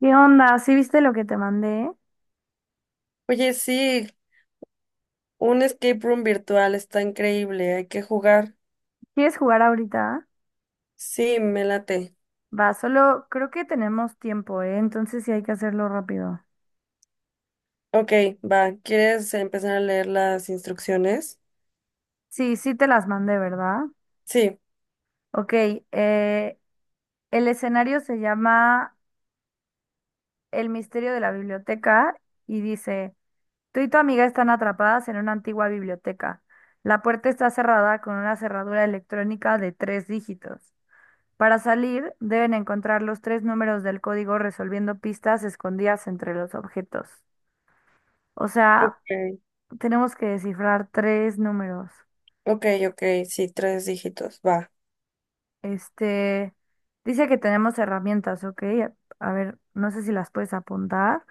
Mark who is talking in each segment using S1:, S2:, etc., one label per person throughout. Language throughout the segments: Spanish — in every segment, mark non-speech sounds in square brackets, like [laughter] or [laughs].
S1: ¿Qué onda? ¿Sí viste lo que te mandé?
S2: Oye, sí, un escape room virtual está increíble, hay que jugar.
S1: ¿Quieres jugar ahorita?
S2: Sí, me late.
S1: Va, solo creo que tenemos tiempo, ¿eh? Entonces sí hay que hacerlo rápido.
S2: Ok, va, ¿quieres empezar a leer las instrucciones?
S1: Sí, sí te las mandé, ¿verdad?
S2: Sí,
S1: Ok, eh, el escenario se llama El misterio de la biblioteca y dice, tú y tu amiga están atrapadas en una antigua biblioteca. La puerta está cerrada con una cerradura electrónica de tres dígitos. Para salir, deben encontrar los tres números del código resolviendo pistas escondidas entre los objetos. O sea,
S2: ok,
S1: tenemos que descifrar tres números.
S2: ok, ok, sí, tres dígitos, va.
S1: Este, dice que tenemos herramientas, ¿ok? A ver, no sé si las puedes apuntar.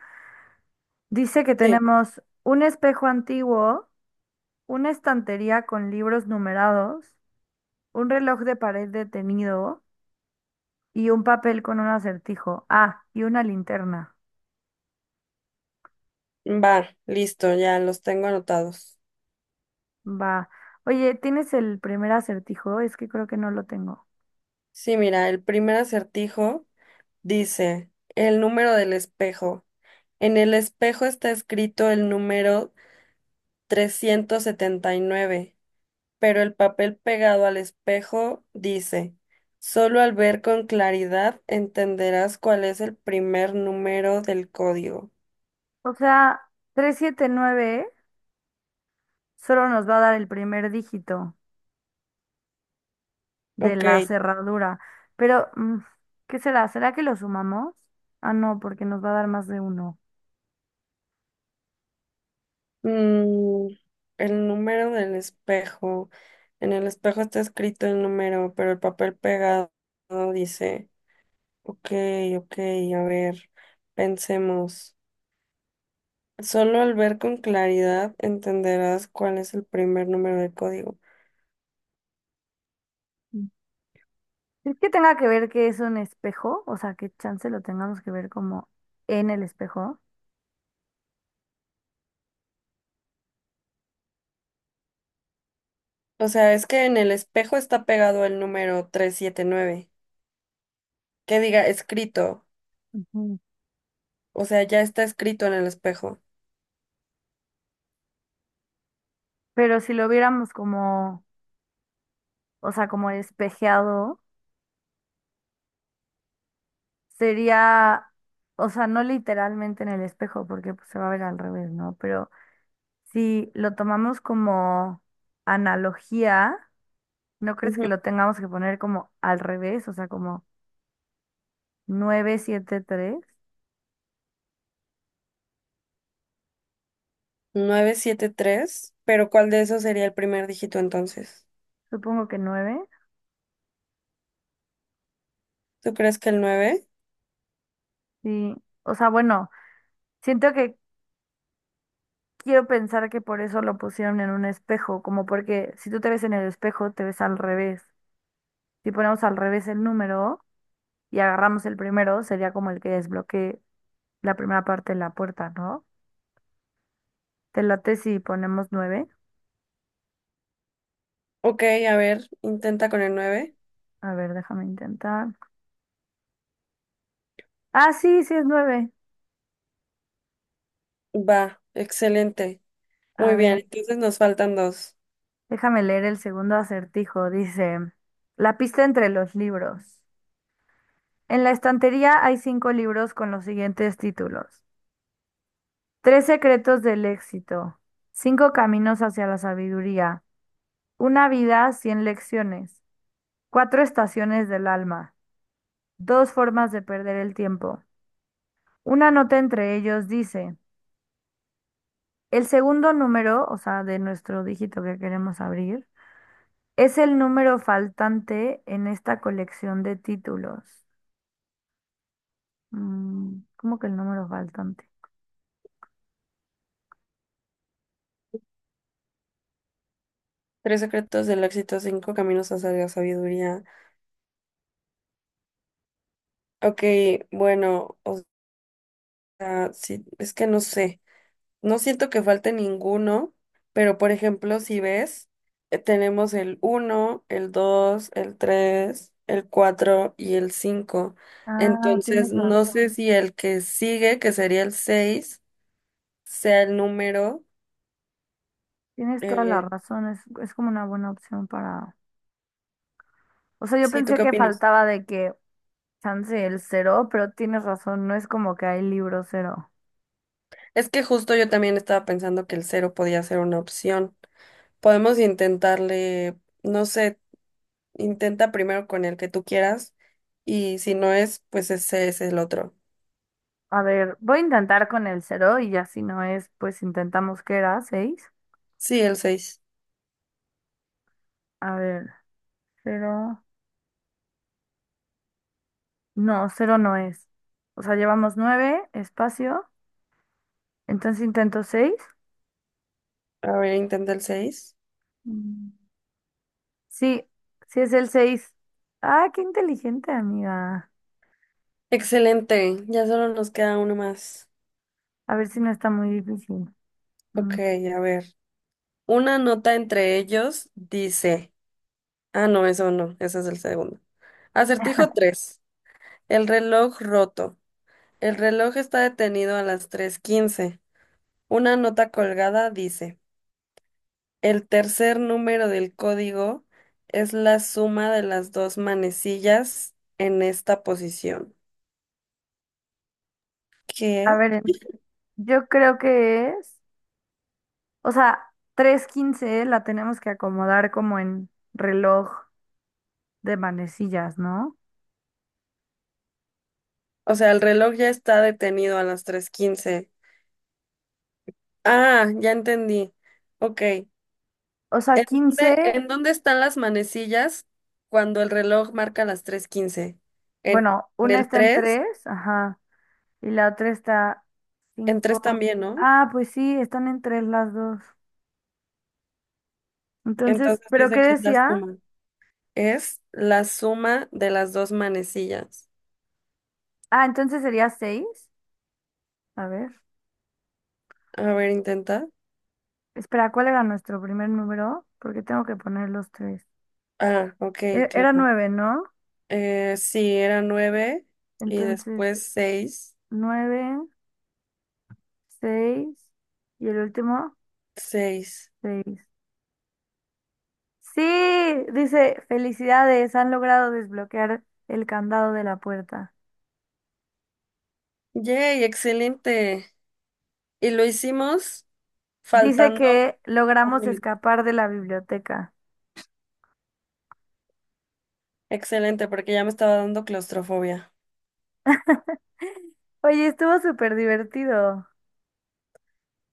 S1: Dice que
S2: Sí,
S1: tenemos un espejo antiguo, una estantería con libros numerados, un reloj de pared detenido y un papel con un acertijo. Ah, y una linterna.
S2: va, listo, ya los tengo anotados.
S1: Va. Oye, ¿tienes el primer acertijo? Es que creo que no lo tengo.
S2: Sí, mira, el primer acertijo dice el número del espejo. En el espejo está escrito el número trescientos setenta y nueve, pero el papel pegado al espejo dice, solo al ver con claridad entenderás cuál es el primer número del código.
S1: O sea, 379 solo nos va a dar el primer dígito de
S2: Ok,
S1: la cerradura. Pero, ¿qué será? ¿Será que lo sumamos? Ah, no, porque nos va a dar más de uno.
S2: mm, el número del espejo. En el espejo está escrito el número, pero el papel pegado dice, ok, ok, a ver, pensemos. Solo al ver con claridad entenderás cuál es el primer número del código.
S1: Mm. ¿Es que tenga que ver que es un espejo? O sea, que chance lo tengamos que ver como en el espejo.
S2: O sea, es que en el espejo está pegado el número trescientos setenta y nueve. Que diga escrito.
S1: Ujú.
S2: O sea, ya está escrito en el espejo.
S1: Pero si lo viéramos como, o sea, como espejeado, sería, o sea, no literalmente en el espejo, porque pues, se va a ver al revés, ¿no? Pero si lo tomamos como analogía, ¿no crees que
S2: Ujú.
S1: lo tengamos que poner como al revés? O sea, como nueve, siete, tres,
S2: Novecientos setenta y tres. Pero ¿cuál de esos sería el primer dígito entonces?
S1: supongo que nueve,
S2: ¿Tú crees que el nueve?
S1: sí, o sea, bueno, siento que quiero pensar que por eso lo pusieron en un espejo, como porque si tú te ves en el espejo, te ves al revés. Si ponemos al revés el número y agarramos el primero, sería como el que desbloquee la primera parte de la puerta, ¿no? ¿Te late si ponemos nueve?
S2: Ok, a ver, intenta con el 9.
S1: A ver, déjame intentar. Ah, sí, sí es nueve.
S2: Va, excelente. Muy
S1: A
S2: bien,
S1: ver,
S2: entonces nos faltan dos.
S1: déjame leer el segundo acertijo. Dice, la pista entre los libros. En la estantería hay cinco libros con los siguientes títulos. Tres secretos del éxito. Cinco caminos hacia la sabiduría. Una vida, cien lecciones. Cuatro estaciones del alma. Dos formas de perder el tiempo. Una nota entre ellos dice, el segundo número, o sea, de nuestro dígito que queremos abrir, es el número faltante en esta colección de títulos. ¿Cómo que el número faltante?
S2: Tres secretos del éxito, cinco caminos hacia la sabiduría. Ok, bueno, o sea, sí, es que no sé. No siento que falte ninguno, pero por ejemplo, si ves, tenemos el uno, el 2, el 3, el 4 y el 5.
S1: Ah,
S2: Entonces,
S1: tienes
S2: no sé
S1: razón.
S2: si el que sigue, que sería el 6, sea el número.
S1: Tienes toda la
S2: eh,
S1: razón, es como una buena opción para... O sea, yo
S2: sí, ¿tú
S1: pensé
S2: qué
S1: que
S2: opinas?
S1: faltaba de que chance el cero, pero tienes razón, no es como que hay libro cero.
S2: Es que justo yo también estaba pensando que el cero podía ser una opción. Podemos intentarle, no sé, intenta primero con el que tú quieras y si no es, pues ese es el otro.
S1: A ver, voy a intentar con el cero y ya si no es, pues intentamos que era seis.
S2: Sí, el 6.
S1: A ver, cero. No, cero no es. O sea, llevamos nueve, espacio, entonces intento seis.
S2: A ver, intenta el seis.
S1: Mm. Sí, sí es el seis. Ah, qué inteligente, amiga.
S2: Excelente, ya solo nos queda uno más.
S1: A ver si no está muy difícil.
S2: Ok,
S1: Mm.
S2: a ver. Una nota entre ellos dice. Ah, no, eso no, ese es el segundo. Acertijo 3. El reloj roto. El reloj está detenido a las tres quince. Una nota colgada dice. El tercer número del código es la suma de las dos manecillas en esta posición.
S1: A
S2: ¿Qué?
S1: ver, yo creo que es, o sea, 3:15 la tenemos que acomodar como en reloj de manecillas, ¿no?
S2: O sea, el reloj ya está detenido a las tres quince. Ah, ya entendí. Ok.
S1: O sea, 15,
S2: En dónde están las manecillas cuando el reloj marca las 3:15? En,
S1: bueno,
S2: en
S1: una
S2: el
S1: está en
S2: 3,
S1: 3, ajá, y la otra está
S2: en 3
S1: cinco.
S2: también, ¿no?
S1: Ah, pues sí, están en 3 las dos. Entonces,
S2: Entonces
S1: ¿pero qué
S2: dice que es la
S1: decía?
S2: suma. Es la suma de las dos manecillas.
S1: Ah, entonces sería seis. A ver,
S2: A ver, intenta.
S1: espera, ¿cuál era nuestro primer número? Porque tengo que poner los tres.
S2: Ah, ok,
S1: Era
S2: claro.
S1: 9, ¿no?
S2: Sí, era nueve y
S1: Entonces,
S2: después seis,
S1: 9 seis y el último,
S2: seis.
S1: seis. Sí, dice, felicidades, han logrado desbloquear el candado de la puerta.
S2: ¡Yay! Excelente. Y lo hicimos
S1: Dice
S2: faltando.
S1: que logramos escapar de la biblioteca.
S2: Excelente, porque ya me estaba dando claustrofobia.
S1: Oye, estuvo súper divertido.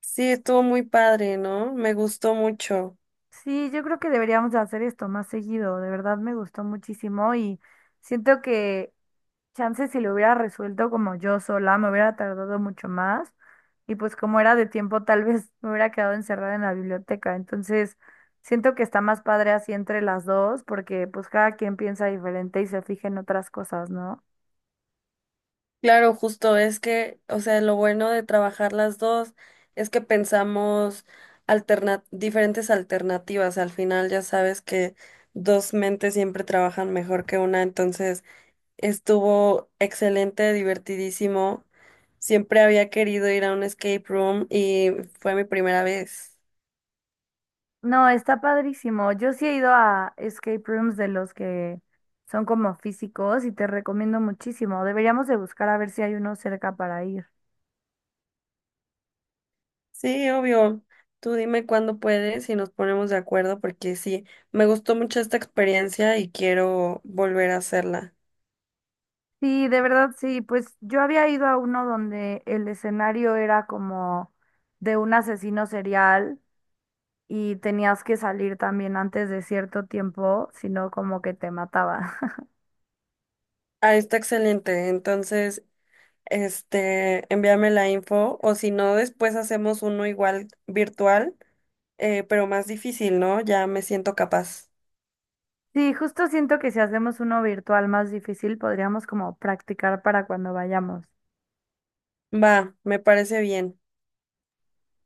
S2: Sí, estuvo muy padre, ¿no? Me gustó mucho.
S1: Sí, yo creo que deberíamos de hacer esto más seguido. De verdad me gustó muchísimo y siento que chance si lo hubiera resuelto como yo sola, me hubiera tardado mucho más. Y pues como era de tiempo, tal vez [laughs] me hubiera quedado encerrada en la biblioteca. Entonces, siento que está más padre así entre las dos, porque pues cada quien piensa diferente y se fija en otras cosas, ¿no?
S2: Claro, justo es que, o sea, lo bueno de trabajar las dos es que pensamos diferentes alternativas. Al final ya sabes que dos mentes siempre trabajan mejor que una, entonces estuvo excelente, divertidísimo. Siempre había querido ir a un escape room y fue mi primera vez.
S1: No, está padrísimo. Yo sí he ido a escape rooms de los que son como físicos y te recomiendo muchísimo. Deberíamos de buscar a ver si hay uno cerca para ir.
S2: Sí, obvio. Tú dime cuándo puedes y nos ponemos de acuerdo porque sí, me gustó mucho esta experiencia y quiero volver a hacerla.
S1: Sí, de verdad, sí. Pues yo había ido a uno donde el escenario era como de un asesino serial y tenías que salir también antes de cierto tiempo, sino como que te mataba. [laughs]
S2: Ah, está excelente. Entonces, envíame la info o si no, después hacemos uno igual virtual, pero más difícil, ¿no? Ya me siento capaz.
S1: Sí, justo siento que si hacemos uno virtual más difícil, podríamos como practicar para cuando vayamos.
S2: Va, me parece bien.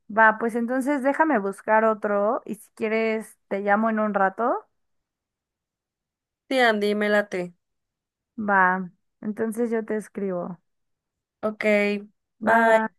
S1: Va, pues entonces déjame buscar otro y si quieres te llamo en un rato.
S2: Sí, Andy, me late.
S1: Va, entonces yo te escribo.
S2: Ok,
S1: Va, va.
S2: bye.